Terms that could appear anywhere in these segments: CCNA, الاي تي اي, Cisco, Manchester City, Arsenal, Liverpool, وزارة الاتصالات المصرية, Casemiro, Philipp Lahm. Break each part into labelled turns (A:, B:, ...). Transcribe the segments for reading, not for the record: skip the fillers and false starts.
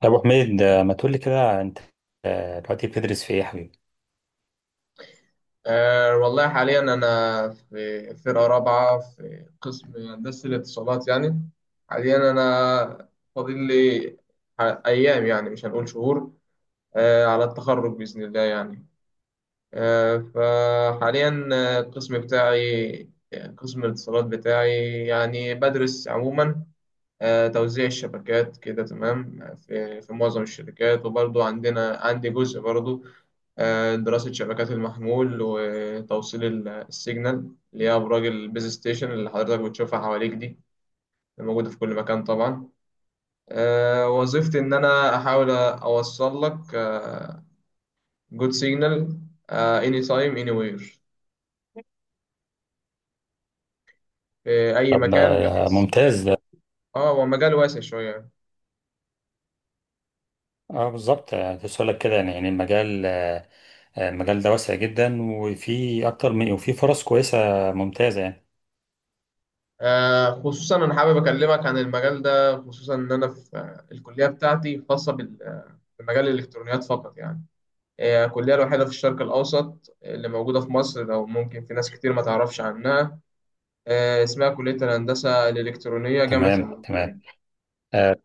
A: طب ابو حميد، ما تقول لي كده انت. دلوقتي بتدرس في ايه يا حبيبي؟
B: والله حاليا أنا في فرقة رابعة في قسم هندسة الاتصالات، يعني حاليا أنا فاضل لي أيام، يعني مش هنقول شهور على التخرج بإذن الله، يعني فحاليا القسم بتاعي قسم الاتصالات بتاعي يعني بدرس عموما توزيع الشبكات كده تمام في معظم الشركات، وبرضو عندي جزء برضو دراسة شبكات المحمول، وتوصيل السيجنال اللي هي أبراج البيز ستيشن اللي حضرتك بتشوفها حواليك دي، موجودة في كل مكان طبعا. وظيفتي إن أنا أحاول أوصل لك جود سيجنال اني تايم اني وير في أي
A: طب
B: مكان، بحيث
A: ممتاز ده.
B: اه هو مجال واسع شوية.
A: اه، بالظبط، كنت لك كده يعني، المجال المجال ده واسع جدا، وفي اكتر من وفي فرص كويسه ممتازه يعني.
B: خصوصا أنا حابب أكلمك عن المجال ده، خصوصا إن أنا في الكلية بتاعتي خاصة بمجال الإلكترونيات فقط، يعني هي الكلية الوحيدة في الشرق الأوسط اللي موجودة في مصر، لو ممكن في ناس كتير ما تعرفش عنها. اسمها كلية الهندسة الإلكترونية جامعة
A: تمام
B: المنوفية.
A: تمام. آه،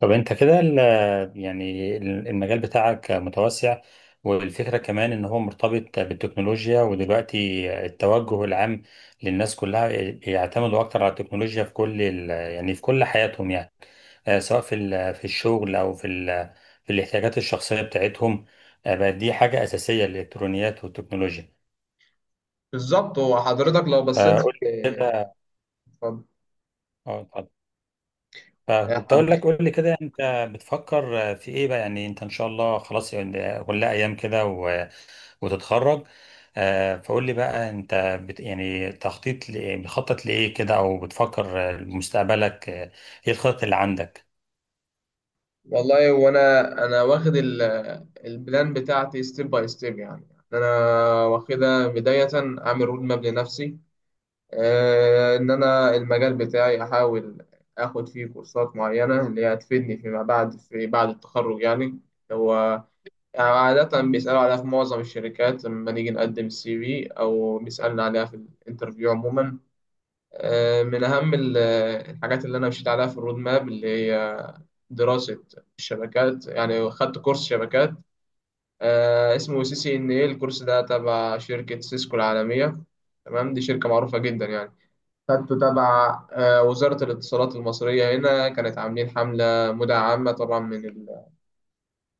A: طب انت كده، المجال بتاعك متوسع، والفكرة كمان ان هو مرتبط بالتكنولوجيا ودلوقتي التوجه العام للناس كلها يعتمدوا اكتر على التكنولوجيا في كل حياتهم يعني. سواء في الشغل او في الاحتياجات الشخصية بتاعتهم. بقت دي حاجة أساسية، الالكترونيات والتكنولوجيا.
B: بالظبط، هو حضرتك لو بصيت
A: فقول
B: في،
A: لي.
B: اتفضل
A: اه، اتفضل.
B: يا
A: فكنت اقول
B: حضرتك.
A: لك، قول لي كده انت بتفكر في ايه بقى، يعني انت ان شاء الله خلاص يعني، ولا ايام كده وتتخرج؟ فقول لي بقى انت، بت يعني تخطيط لإيه- بتخطط لايه كده او بتفكر لمستقبلك. ايه الخطط اللي عندك؟
B: والله وانا واخد البلان بتاعتي ستيب باي ستيب، يعني انا واخدها بداية، اعمل رود ماب لنفسي. ان انا المجال بتاعي احاول اخد فيه كورسات معينة اللي هي هتفيدني فيما بعد في بعد التخرج، يعني هو يعني عادة بيسألوا عليها في معظم الشركات لما نيجي نقدم السي في، أو بيسألنا عليها في الانترفيو عموما. من أهم الحاجات اللي أنا مشيت عليها في الرود ماب اللي هي دراسة الشبكات، يعني خدت كورس شبكات اسمه CCNA. الكورس ده تبع شركة سيسكو العالمية، تمام، دي شركة معروفة جدا يعني. خدته تبع وزارة الاتصالات المصرية هنا، كانت عاملين حملة مدعمة طبعا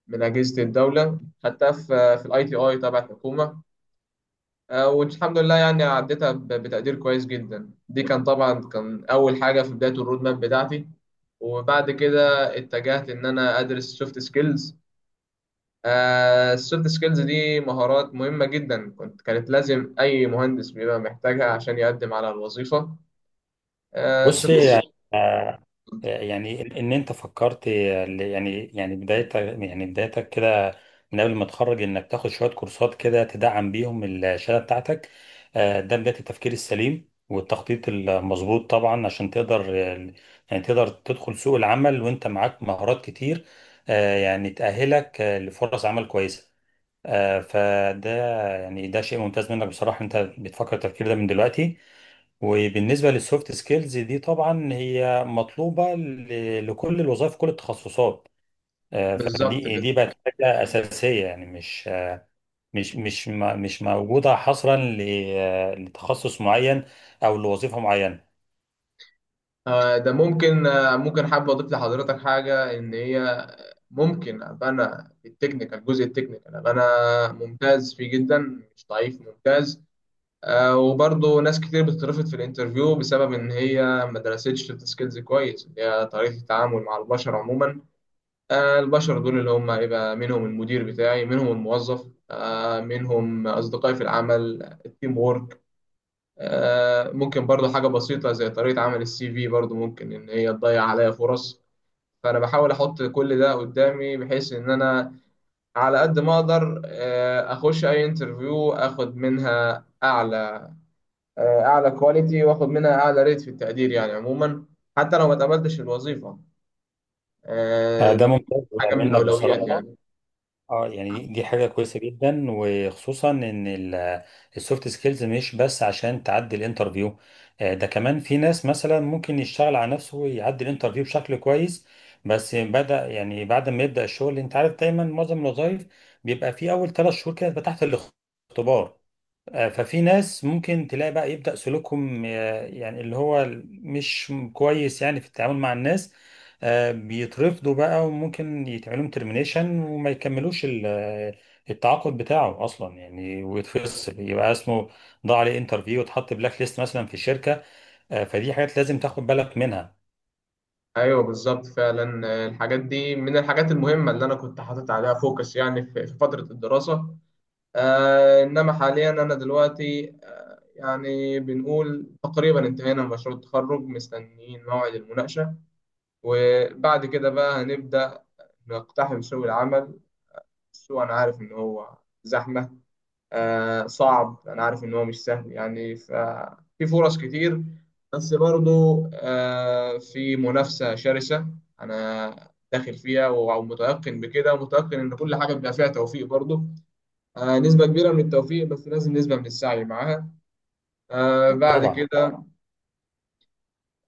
B: من أجهزة الدولة، خدتها في الاي تي اي تبع الحكومة. والحمد لله يعني عديتها بتقدير كويس جدا، دي كان طبعا أول حاجة في بداية الرود ماب بتاعتي. وبعد كده اتجهت إن أنا أدرس سوفت سكيلز. السوفت سكيلز دي مهارات مهمة جدا، كانت لازم أي مهندس بيبقى محتاجها عشان يقدم على الوظيفة.
A: بص
B: سوفت
A: يعني، ان انت فكرت بدايتك كده، من قبل ما تتخرج انك تاخد شويه كورسات كده تدعم بيهم الشهاده بتاعتك. ده بدايه التفكير السليم والتخطيط المظبوط طبعا، عشان تقدر يعني تقدر تدخل سوق العمل وانت معاك مهارات كتير، يعني تأهلك لفرص عمل كويسه. فده يعني ده شيء ممتاز منك بصراحه، انت بتفكر التفكير ده من دلوقتي. وبالنسبة للسوفت سكيلز دي، طبعا هي مطلوبة لكل الوظائف، كل التخصصات.
B: بالظبط
A: فدي
B: كده.
A: دي بقت حاجة أساسية، يعني مش موجودة حصرا لتخصص معين، أو لوظيفة معينة.
B: آه، ده ممكن آه، ممكن حابب أضيف لحضرتك حاجة، إن هي ممكن أبقى أنا في التكنيكال، الجزء التكنيكال أبقى أنا ممتاز فيه جدا، مش ضعيف، ممتاز. وبرضه ناس كتير بتترفض في الانترفيو بسبب إن هي ما درستش سوفت سكيلز كويس، اللي هي طريقة التعامل مع البشر عموما. البشر دول اللي هم يبقى منهم المدير بتاعي، منهم الموظف، منهم أصدقائي في العمل، التيم وورك. ممكن برضه حاجة بسيطة زي طريقة عمل السي في، برضه ممكن إن هي تضيع عليا فرص. فأنا بحاول أحط كل ده قدامي، بحيث إن أنا على قد ما أقدر أخش أي انترفيو أخد منها أعلى، اعلى كواليتي، واخد منها اعلى ريت في التقدير يعني عموما، حتى لو ما اتقبلتش الوظيفه
A: ده
B: دي،
A: ممتاز
B: حاجه من
A: منك
B: الاولويات
A: بصراحة.
B: يعني.
A: اه، يعني دي حاجة كويسة جدا، وخصوصا ان السوفت سكيلز مش بس عشان تعدي الانترفيو. ده كمان في ناس مثلا ممكن يشتغل على نفسه ويعدي الانترفيو بشكل كويس، بس بدأ يعني بعد ما يبدأ الشغل انت عارف دايما معظم الوظائف بيبقى في اول 3 شهور كده بتبقى تحت الاختبار. ففي ناس ممكن تلاقي بقى يبدأ سلوكهم يعني اللي هو مش كويس يعني في التعامل مع الناس، بيترفضوا بقى، وممكن يتعملهم ترمينيشن وما يكملوش التعاقد بتاعه اصلا يعني، ويتفصل يبقى اسمه ضاع عليه انترفيو، وتحط بلاك ليست مثلا في الشركة. فدي حاجات لازم تاخد بالك منها
B: ايوه، بالظبط فعلا. الحاجات دي من الحاجات المهمه اللي انا كنت حاطط عليها فوكس، يعني في فتره الدراسه. انما حاليا انا دلوقتي يعني بنقول تقريبا انتهينا من مشروع التخرج، مستنيين موعد المناقشه، وبعد كده بقى هنبدا نقتحم سوق العمل. السوق انا عارف ان هو زحمه، صعب، انا عارف ان هو مش سهل، يعني ففي فرص كتير بس برضو في منافسة شرسة انا داخل فيها، ومتيقن بكده، ومتيقن ان كل حاجة بيبقى فيها توفيق برضو. نسبة كبيرة من التوفيق، بس لازم نسبة من السعي معاها. بعد
A: طبعا.
B: كده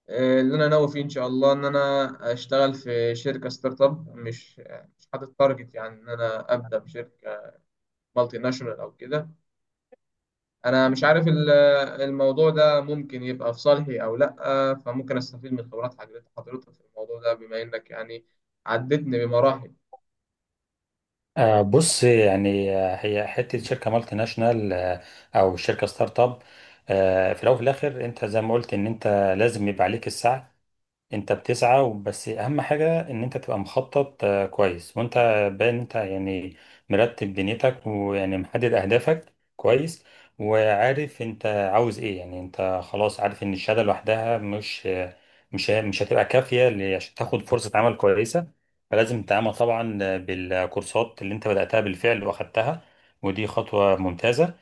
B: اللي انا ناوي فيه ان شاء الله ان انا اشتغل في شركة ستارت اب، مش حاطط تارجت يعني ان انا ابدا بشركة مالتي ناشونال او كده. انا مش عارف الموضوع ده ممكن يبقى في صالحي او لا، فممكن استفيد من خبرات حضرتك في الموضوع ده، بما انك يعني عدتني بمراحل.
A: بص يعني، هي حته شركه مالتي ناشونال او شركه ستارت اب، في الاول وفي الاخر انت زي ما قلت ان انت لازم يبقى عليك السعي. انت بتسعى، بس اهم حاجة ان انت تبقى مخطط كويس، وانت باين انت يعني مرتب دنيتك، ويعني محدد اهدافك كويس، وعارف انت عاوز ايه، يعني انت خلاص عارف ان الشهادة لوحدها مش آه، مش ه- مش هتبقى كافية عشان تاخد فرصة عمل كويسة. فلازم تتعامل طبعا بالكورسات اللي انت بدأتها بالفعل واخدتها، ودي خطوة ممتازة.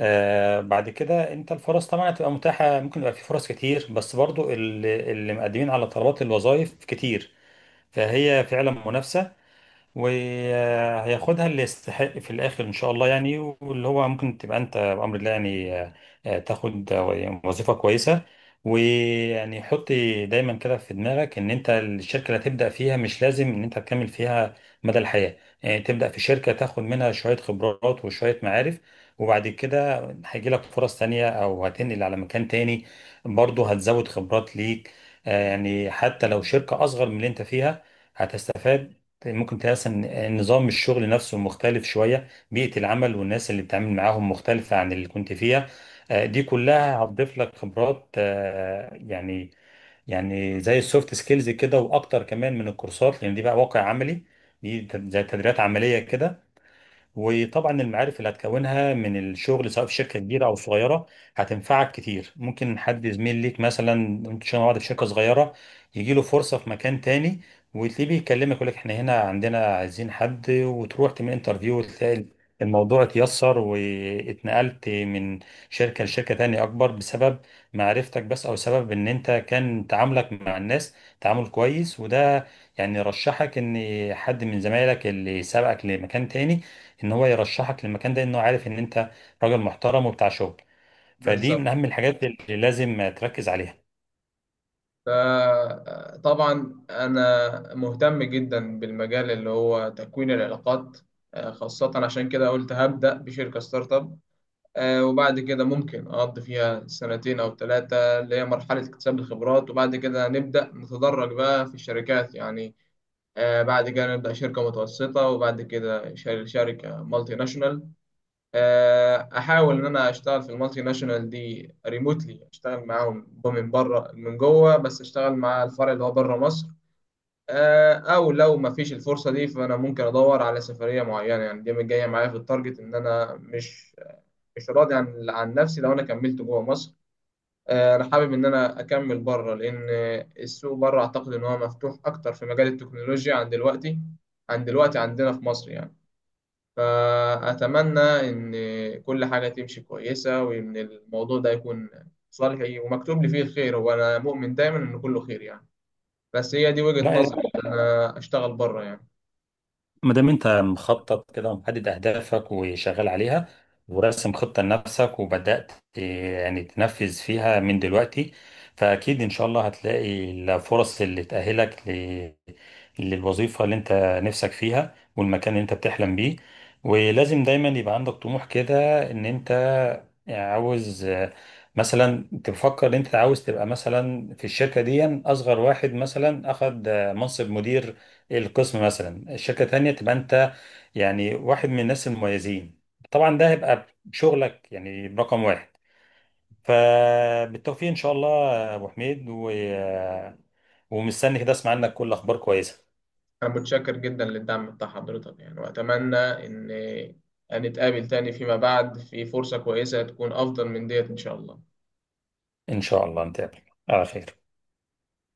A: بعد كده انت الفرص طبعا هتبقى متاحه، ممكن يبقى في فرص كتير، بس برضو اللي مقدمين على طلبات الوظائف كتير، فهي فعلا منافسه، وهياخدها اللي يستحق في الاخر ان شاء الله يعني، واللي هو ممكن تبقى انت بامر الله يعني تاخد وظيفه كويسه. ويعني حط دايما كده في دماغك، ان انت الشركه اللي هتبدا فيها مش لازم ان انت تكمل فيها مدى الحياه. يعني تبدا في شركه تاخد منها شويه خبرات وشويه معارف، وبعد كده هيجي لك فرص تانية او هتنقل على مكان تاني، برضه هتزود خبرات ليك. يعني حتى لو شركه اصغر من اللي انت فيها، هتستفاد. طيب، ممكن تلاقي اصلا نظام الشغل نفسه مختلف شويه، بيئه العمل والناس اللي بتتعامل معاهم مختلفه عن اللي كنت فيها. دي كلها هتضيف لك خبرات، يعني زي السوفت سكيلز كده، واكتر كمان من الكورسات، لان دي بقى واقع عملي، دي زي تدريبات عمليه كده. وطبعا المعارف اللي هتكونها من الشغل، سواء في شركه كبيره او صغيره، هتنفعك كتير. ممكن حد زميل ليك مثلا انتوا شغالين مع بعض في شركه صغيره، يجي له فرصه في مكان تاني، وتلاقيه بيكلمك يقول لك احنا هنا عندنا عايزين حد، وتروح تعمل انترفيو وتلاقي الموضوع اتيسر، واتنقلت من شركه لشركه تانية اكبر، بسبب معرفتك بس، او سبب ان انت كان تعاملك مع الناس تعامل كويس. وده يعني رشحك، ان حد من زمايلك اللي سبقك لمكان تاني ان هو يرشحك للمكان ده، انه عارف ان انت راجل محترم وبتاع شغل. فدي من
B: بالظبط.
A: اهم الحاجات اللي لازم تركز عليها.
B: فطبعا انا مهتم جدا بالمجال اللي هو تكوين العلاقات. خاصة عشان كده قلت هبدأ بشركة ستارت اب، وبعد كده ممكن اقضي فيها سنتين او ثلاثة اللي هي مرحلة اكتساب الخبرات، وبعد كده نبدأ نتدرج بقى في الشركات يعني. بعد كده نبدأ شركة متوسطة، وبعد كده شركة مالتي ناشونال. أحاول إن أنا أشتغل في المالتي ناشونال دي ريموتلي، أشتغل معاهم من بره من جوه، بس أشتغل مع الفرع اللي هو بره مصر. أو لو ما فيش الفرصة دي فأنا ممكن أدور على سفرية معينة، يعني دي جاية معايا في التارجت، إن أنا مش راضي عن نفسي لو أنا كملت جوه مصر. انا حابب ان انا اكمل بره، لان السوق بره اعتقد ان هو مفتوح اكتر في مجال التكنولوجيا عن دلوقتي، عندنا في مصر يعني. فاتمنى ان كل حاجه تمشي كويسه، وان الموضوع ده يكون صالحي ومكتوب لي فيه الخير، وانا مؤمن دايما ان كله خير يعني. بس هي دي وجهة
A: لا،
B: نظري إن انا اشتغل بره يعني.
A: ما دام انت مخطط كده ومحدد اهدافك وشغال عليها، وراسم خطة لنفسك، وبدأت يعني تنفذ فيها من دلوقتي، فأكيد إن شاء الله هتلاقي الفرص اللي تأهلك للوظيفة اللي انت نفسك فيها، والمكان اللي انت بتحلم بيه. ولازم دايما يبقى عندك طموح كده، ان انت عاوز مثلا تفكر ان انت عاوز تبقى مثلا في الشركة دي اصغر واحد مثلا اخد منصب مدير القسم، مثلا الشركة تانية تبقى انت يعني واحد من الناس المميزين. طبعا ده هيبقى شغلك يعني رقم واحد. فبالتوفيق ان شاء الله يا ابو حميد، ومستني كده اسمع عنك كل اخبار كويسة.
B: انا متشكر جدا للدعم بتاع حضرتك يعني، واتمنى ان نتقابل تاني فيما بعد في فرصة كويسة، تكون افضل من ديت ان شاء الله.
A: ان شاء الله نتقابل على خير.